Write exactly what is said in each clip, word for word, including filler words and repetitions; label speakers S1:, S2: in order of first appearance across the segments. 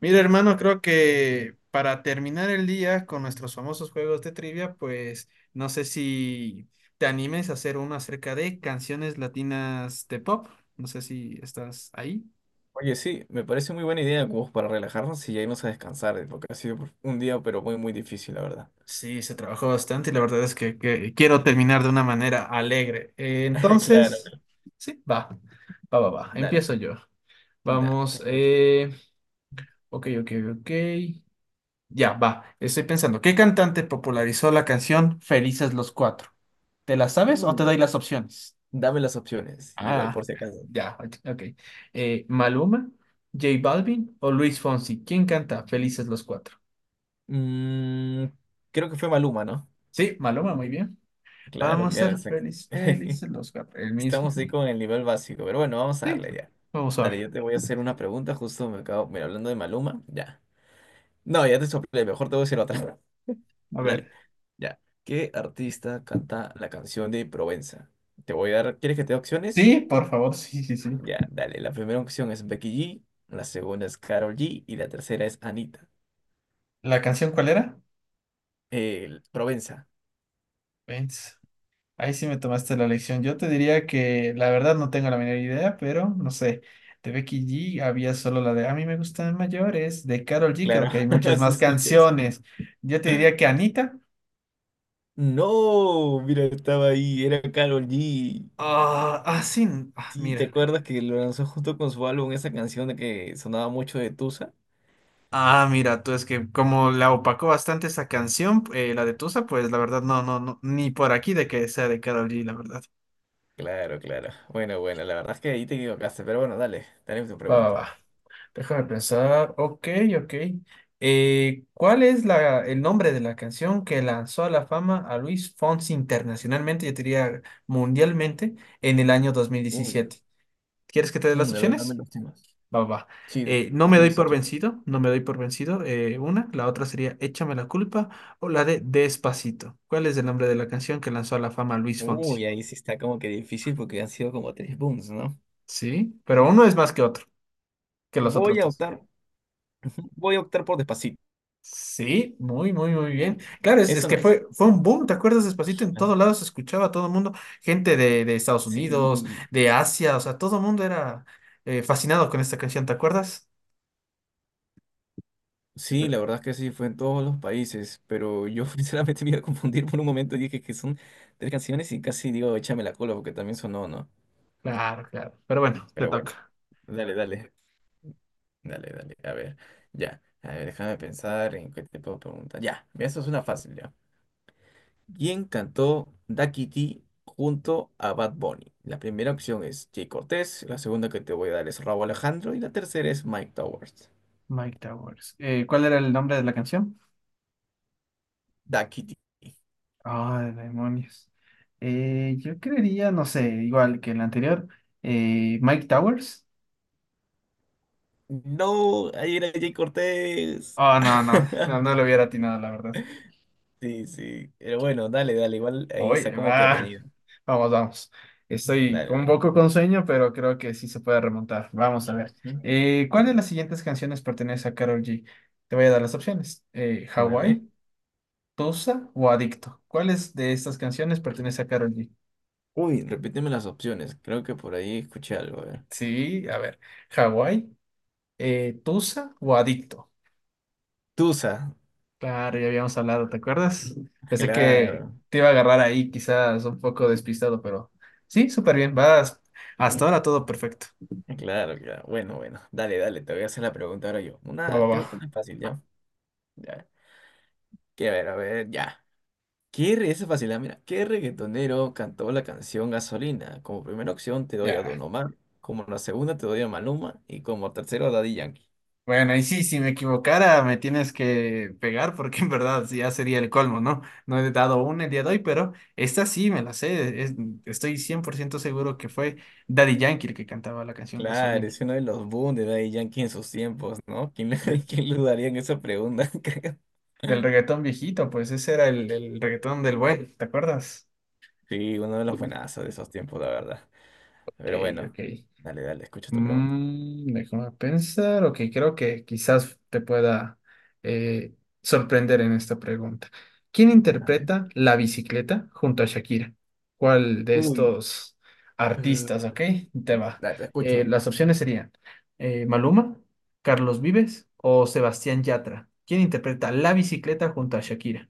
S1: Mira, hermano, creo que para terminar el día con nuestros famosos juegos de trivia, pues no sé si te animes a hacer uno acerca de canciones latinas de pop. No sé si estás ahí.
S2: Oye, sí, me parece muy buena idea como para relajarnos y ya irnos a descansar, eh, porque ha sido un día, pero muy, muy difícil, la verdad.
S1: Sí, se trabajó bastante y la verdad es que, que quiero terminar de una manera alegre. Eh,
S2: Claro,
S1: entonces, sí, va, va, va, va.
S2: dale,
S1: Empiezo yo.
S2: da, te
S1: Vamos,
S2: escucho.
S1: eh, ok, ok, ok. Ya, va. Estoy pensando, ¿qué cantante popularizó la canción Felices los Cuatro? ¿Te las sabes o te
S2: Mm,
S1: doy las opciones?
S2: dame las opciones, igual
S1: Ah,
S2: por si acaso.
S1: ya, ok. Eh, Maluma, J Balvin o Luis Fonsi. ¿Quién canta Felices los Cuatro?
S2: Mm, Creo que fue Maluma, ¿no?
S1: Sí, Maluma, muy bien.
S2: Claro,
S1: Vamos a
S2: claro,
S1: ser
S2: exacto.
S1: felices, felices los cuatro. El mismo.
S2: Estamos ahí con el nivel básico, pero bueno, vamos a
S1: Sí,
S2: darle ya.
S1: vamos a
S2: Dale,
S1: ver.
S2: yo te voy a hacer una pregunta, justo me acabo, mira, hablando de Maluma, ya. No, ya te soplé, mejor te voy a decir otra.
S1: A
S2: Dale.
S1: ver.
S2: Ya. ¿Qué artista canta la canción de Provenza? Te voy a dar, ¿quieres que te dé opciones?
S1: Sí, por favor, sí, sí, sí.
S2: Ya, dale. La primera opción es Becky G, la segunda es Karol G y la tercera es Anita.
S1: ¿La canción cuál era?
S2: El- Provenza.
S1: Vence. Ahí sí me tomaste la lección. Yo te diría que la verdad no tengo la menor idea, pero no sé. De Becky G había solo la de A mí me gustan mayores. De Karol G creo
S2: Claro,
S1: que hay muchas
S2: así
S1: más
S2: escuches.
S1: canciones. Yo te diría que Anita.
S2: No, mira, estaba ahí, era Karol G.
S1: Ah, ah, sí. n- Ah,
S2: Sí, ¿te
S1: mira. que-
S2: acuerdas que lo lanzó justo con su álbum esa canción de que sonaba mucho de Tusa?
S1: Ah, mira, tú es que como la opacó bastante esa canción, eh, la de Tusa, pues la verdad no, no, no, ni por aquí de que sea de Karol G, la verdad.
S2: Claro, claro. Bueno, bueno, la verdad es que ahí te equivocaste, pero bueno, dale, dale tu
S1: Va, va,
S2: pregunta.
S1: va. Déjame pensar. Ok, ok. Eh, ¿cuál es la, el nombre de la canción que lanzó a la fama a Luis Fonsi internacionalmente, yo diría mundialmente, en el año dos mil
S2: Uy,
S1: diecisiete? ¿Quieres que te dé
S2: mm,
S1: las
S2: de verdad me
S1: opciones?
S2: los temas.
S1: Va, va. Va.
S2: Sí,
S1: Eh, no me
S2: dame
S1: doy
S2: las
S1: por
S2: opciones.
S1: vencido, no me doy por vencido. eh, una, la otra sería Échame la culpa o la de Despacito. ¿Cuál es el nombre de la canción que lanzó a la fama a Luis Fonsi?
S2: Uy, ahí sí está como que difícil porque han sido como tres booms, ¿no?
S1: Sí, pero
S2: Mm,
S1: uno es más que otro, que los
S2: Voy a
S1: otros.
S2: optar, voy a optar por Despacito.
S1: Sí, muy, muy, muy bien. Claro, es, es
S2: Eso no
S1: que
S2: es.
S1: fue, fue un boom, ¿te acuerdas? Despacito en
S2: Ah,
S1: todos lados se escuchaba a todo el mundo, gente de, de Estados
S2: Sí.
S1: Unidos,
S2: Sí,
S1: de Asia, o sea, todo el mundo era eh, fascinado con esta canción, ¿te acuerdas?
S2: sí, la verdad es que sí, fue en todos los países, pero yo sinceramente me iba a confundir por un momento y dije que son tres canciones y casi digo, échame la cola porque también sonó, ¿no?
S1: Claro, claro. Pero bueno, te
S2: Pero bueno,
S1: toca.
S2: dale, dale, dale, dale, a ver, ya, a ver, déjame pensar en qué te puedo preguntar. Ya, mira, eso es una fácil, ya. ¿Quién cantó Daquiti junto a Bad Bunny? La primera opción es Jay Cortés, la segunda que te voy a dar es Rauw Alejandro y la tercera es Mike Towers.
S1: Mike Towers. Eh, ¿cuál era el nombre de la canción?
S2: Daquiti.
S1: Ah, de demonios. Eh, yo creería, no sé, igual que el anterior, eh, Mike Towers.
S2: No, ahí era Jay Cortés.
S1: Oh, no, no, no, no lo hubiera atinado, la verdad.
S2: Sí, sí. Pero bueno, dale, dale. Igual ahí
S1: Hoy,
S2: está como que
S1: va.
S2: reñido.
S1: Vamos, vamos. Estoy
S2: Dale,
S1: con un
S2: dale.
S1: poco con sueño, pero creo que sí se puede remontar. Vamos a ver.
S2: ¿Mm?
S1: Eh, ¿cuál de las siguientes canciones pertenece a Karol G? Te voy a dar las opciones. Eh,
S2: Dale.
S1: ¿Hawái, Tusa o Adicto? ¿Cuáles de estas canciones pertenece a Karol G?
S2: Uy, repíteme las opciones. Creo que por ahí escuché algo. A ver.
S1: Sí, a ver. ¿Hawái, eh, Tusa o Adicto?
S2: Tusa.
S1: Claro, ya habíamos hablado, ¿te acuerdas? Pensé que
S2: Claro.
S1: te iba a agarrar ahí, quizás un poco despistado, pero sí, súper bien. Vas. Hasta ahora todo perfecto.
S2: Claro, claro. Bueno, bueno. Dale, dale. Te voy a hacer la pregunta ahora yo.
S1: Va, va,
S2: Una, creo que
S1: va.
S2: una fácil, ¿ya? Ya. Que a ver, a ver, ya. ¿Qué re... Esa es fácil, ah, mira. ¿Qué reggaetonero cantó la canción Gasolina? Como primera opción te doy a
S1: Ya.
S2: Don Omar, como la segunda te doy a Maluma y como tercero a Daddy Yankee.
S1: Bueno, y sí, si me equivocara, me tienes que pegar porque en verdad ya sería el colmo, ¿no? No he dado una el día de hoy, pero esta sí me la sé. Es- estoy cien por ciento seguro que fue Daddy Yankee el que cantaba la canción
S2: Claro,
S1: Gasolina,
S2: es uno de los boom de Daddy Yankee en sus tiempos, ¿no? ¿Quién, le-
S1: de-
S2: quién le dudaría en esa pregunta? creo?
S1: del reggaetón viejito, pues ese era el, el reggaetón del buen, ¿te acuerdas?
S2: Sí, uno de los
S1: Ok,
S2: buenazos de esos tiempos, la verdad. Pero bueno,
S1: ok.
S2: dale, dale, escucho tu pregunta.
S1: Mm, déjame pensar, ok, creo que quizás te pueda eh, sorprender en esta pregunta. ¿Quién
S2: Dale.
S1: interpreta La bicicleta junto a Shakira? ¿Cuál de
S2: Uy,
S1: estos
S2: eh,
S1: artistas, ok? Te va.
S2: dale, te
S1: Eh,
S2: escucho.
S1: las opciones serían eh, Maluma, Carlos Vives o Sebastián Yatra. ¿Quién interpreta La bicicleta junto a Shakira?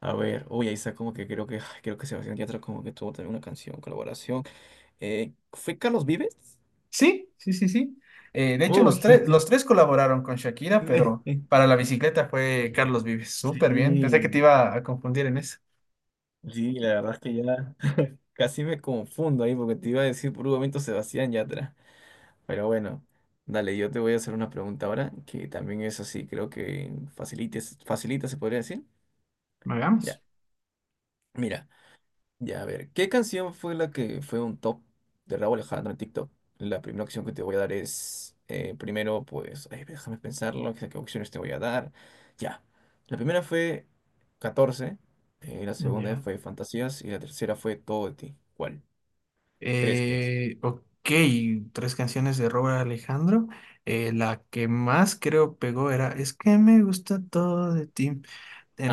S2: A ver, uy, ahí está como que creo que, ay, creo que Sebastián Yatra como que tuvo también una canción, colaboración. Eh, ¿fue Carlos Vives?
S1: Sí, sí, sí, sí. Eh, de hecho, los
S2: Uy,
S1: tres,
S2: la
S1: los
S2: tiene.
S1: tres colaboraron con Shakira, pero para la bicicleta fue Carlos Vives. Súper bien. Pensé que
S2: Sí,
S1: te iba a confundir en eso.
S2: sí, la verdad es que ya casi me confundo ahí porque te iba a decir por un momento Sebastián Yatra. Pero bueno, dale, yo te voy a hacer una pregunta ahora que también es así, creo que facilita, facilita se podría decir. Ya,
S1: Hagamos.
S2: mira. Ya, a ver, ¿qué canción fue la que fue un top de Raúl Alejandro en TikTok? La primera opción que te voy a dar es, eh, primero, pues, ay, déjame pensarlo, qué qué opciones te voy a dar. Ya, la primera fue catorce, eh, la segunda
S1: Ya.
S2: fue Fantasías y la tercera fue Todo de ti. ¿Cuál crees que es?
S1: Eh, ok, tres canciones de Robert Alejandro. Eh, la que más creo pegó era Es que me gusta todo de ti.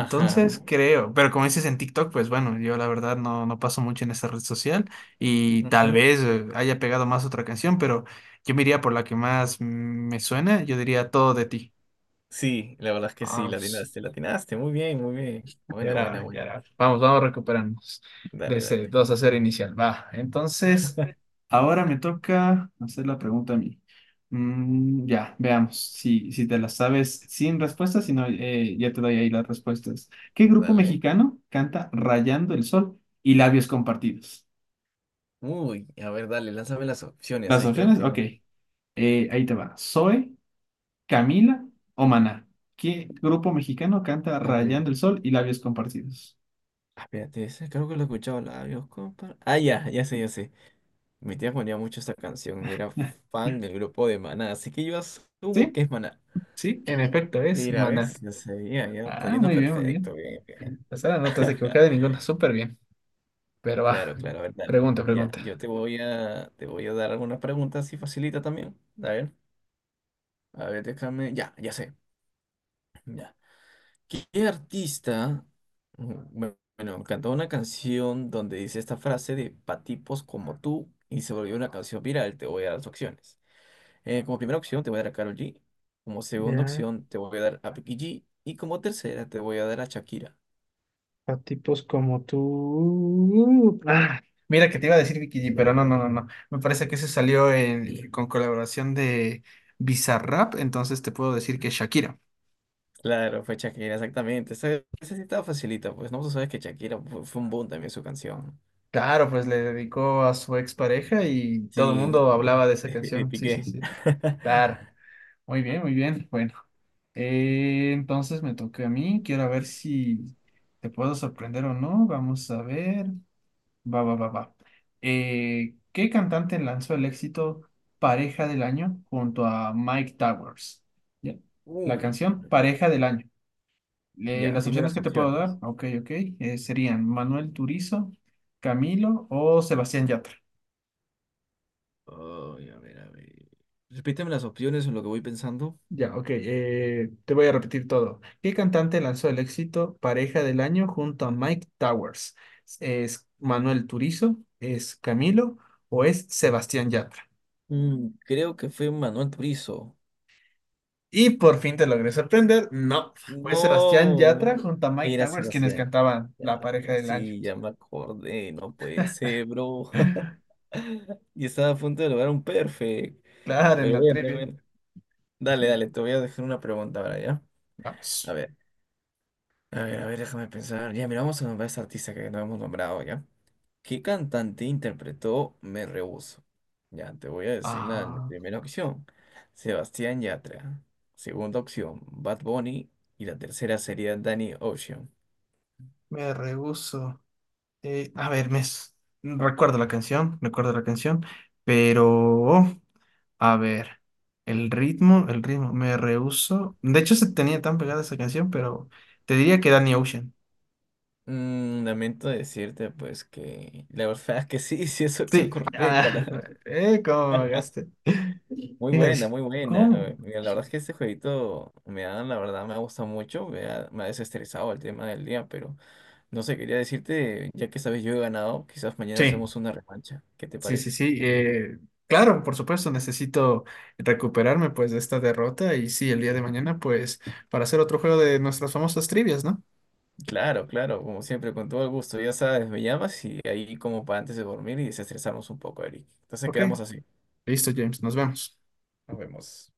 S2: Ajá.
S1: creo, pero como dices en TikTok, pues bueno, yo la verdad no, no paso mucho en esa red social y tal
S2: Ujú.
S1: vez eh, haya pegado más otra canción, pero yo me iría por la que más mm, me suena, yo diría Todo de ti.
S2: Sí, la verdad es que sí,
S1: Ah,
S2: la
S1: pues,
S2: atinaste, la atinaste. Muy bien, muy bien.
S1: ya
S2: Buena,
S1: era
S2: buena,
S1: hora,
S2: buena.
S1: ya era hora. Vamos, vamos recuperarnos de
S2: Dale,
S1: ese
S2: dale,
S1: dos a cero inicial. Va, entonces, ahora me toca hacer la pregunta a mí. Mm, ya, veamos si, si te la sabes sin respuestas, si no, eh, ya te doy ahí las respuestas. ¿Qué grupo
S2: dale.
S1: mexicano canta Rayando el Sol y Labios Compartidos?
S2: Uy, a ver, dale, lánzame las opciones.
S1: Las
S2: Ahí creo
S1: opciones,
S2: que...
S1: ok. Eh, ahí te va. Zoe, Camila o Maná. ¿Qué grupo mexicano canta
S2: A ver.
S1: Rayando el Sol y Labios Compartidos?
S2: Ah, espérate, ese creo que lo he escuchado labios, compa. Ah, ya, ya sé, ya sé. Mi tía ponía mucho esta canción y era fan del grupo de Maná, así que yo asumo
S1: ¿Sí?
S2: que es Maná.
S1: Sí, en efecto, es
S2: Mira,
S1: Maná.
S2: ¿ves? Yo sabía, ya está
S1: Ah,
S2: yendo
S1: muy bien, muy
S2: perfecto,
S1: bien.
S2: bien, bien.
S1: O sea, no te has
S2: Ajá.
S1: equivocado de ninguna, súper bien. Pero va,
S2: Claro, claro, a ver, dale.
S1: pregunta,
S2: Ya,
S1: pregunta.
S2: yo te voy a, te voy a dar algunas preguntas así facilita también. A ver, a ver, déjame. Ya, ya sé. Ya. ¿Qué artista, mm, bu- bueno, cantó una canción donde dice esta frase de patipos como tú y se volvió una canción viral? Te voy a dar las opciones. Eh, como primera opción te voy a dar a Karol G, como segunda
S1: Ya,
S2: opción te voy a dar a Becky G y como tercera te voy a dar a Shakira.
S1: a tipos como tú. Ah, mira que te iba a decir Vicky G, pero no, no, no, no. Me parece que ese salió en- con colaboración de Bizarrap, entonces te puedo decir que Shakira.
S2: Claro, fue Shakira, exactamente. Esa, esa sí estaba facilita, pues no tú sabes que Shakira fue, fue un boom también su canción.
S1: Claro, pues le dedicó a su expareja y todo el
S2: Sí,
S1: mundo hablaba de esa canción. Sí, sí,
S2: Piqué.
S1: sí. Claro. Muy bien, muy bien. Bueno, eh, entonces me toca a mí. Quiero ver si te puedo sorprender o no. Vamos a ver. Va, va, va, va. Eh, ¿qué cantante lanzó el éxito Pareja del Año junto a Mike Towers? Ya. La
S2: Uy,
S1: canción Pareja del Año. Eh,
S2: ya,
S1: las
S2: dime
S1: opciones
S2: las
S1: que te puedo dar,
S2: opciones.
S1: ok, ok, eh, serían Manuel Turizo, Camilo o Sebastián Yatra.
S2: Ay, a ver, a ver. Repíteme las opciones en lo que voy pensando.
S1: Ya, ok. eh, te voy a repetir todo. ¿Qué cantante lanzó el éxito Pareja del Año junto a Mike Towers? ¿Es Manuel Turizo? ¿Es Camilo? ¿O es Sebastián Yatra?
S2: Mm, creo que fue Manuel Turizo.
S1: Y por fin te logré sorprender. No, fue Sebastián Yatra
S2: No,
S1: junto a Mike
S2: era
S1: Towers quienes
S2: Sebastián.
S1: cantaban
S2: Ya,
S1: la Pareja
S2: ya,
S1: del Año.
S2: sí, ya me acordé. No puede ser, bro. Y estaba a punto de lograr un perfect.
S1: Claro, en
S2: Pero
S1: la
S2: bueno, a
S1: trivia.
S2: ver. Dale, dale, te voy a dejar una pregunta ahora, ¿ya? A
S1: Vamos.
S2: ver. A ver, a ver, déjame pensar. Ya, mira, vamos a nombrar a esta artista que no hemos nombrado, ¿ya? ¿Qué cantante interpretó Me Rehuso? Ya, te voy a decir la la
S1: Ah,
S2: primera opción. Sebastián Yatra. Segunda opción, Bad Bunny. Y la tercera sería Danny Ocean.
S1: me rehuso. Eh, a ver, me s- recuerdo la canción, recuerdo la canción, pero a ver, el ritmo, el ritmo, me rehúso. De hecho, se tenía tan pegada esa canción, pero te diría que Danny Ocean.
S2: Mm, lamento decirte, pues, que la verdad es que sí, sí es opción
S1: Sí.
S2: correcta.
S1: Ah,
S2: La
S1: eh, ¿cómo me agaste?
S2: muy buena,
S1: Fíjate,
S2: muy buena.
S1: ¿cómo?
S2: eh, mira, la verdad es que este jueguito me ha, la verdad, me ha gustado mucho, me ha, me ha desestresado el tema del día, pero no sé, quería decirte, ya que sabes yo he ganado, quizás mañana
S1: Sí,
S2: hacemos una revancha. ¿Qué te
S1: sí, sí,
S2: parece?
S1: sí. eh, claro, por supuesto, necesito recuperarme pues de esta derrota y sí, el día de mañana pues para hacer otro juego de nuestras famosas trivias, ¿no?
S2: Claro, claro, como siempre, con todo el gusto, ya sabes, me llamas y ahí como para antes de dormir y desestresarnos un poco, Eric. Entonces
S1: Ok,
S2: quedamos así.
S1: listo, James, nos vemos.
S2: Nos vemos.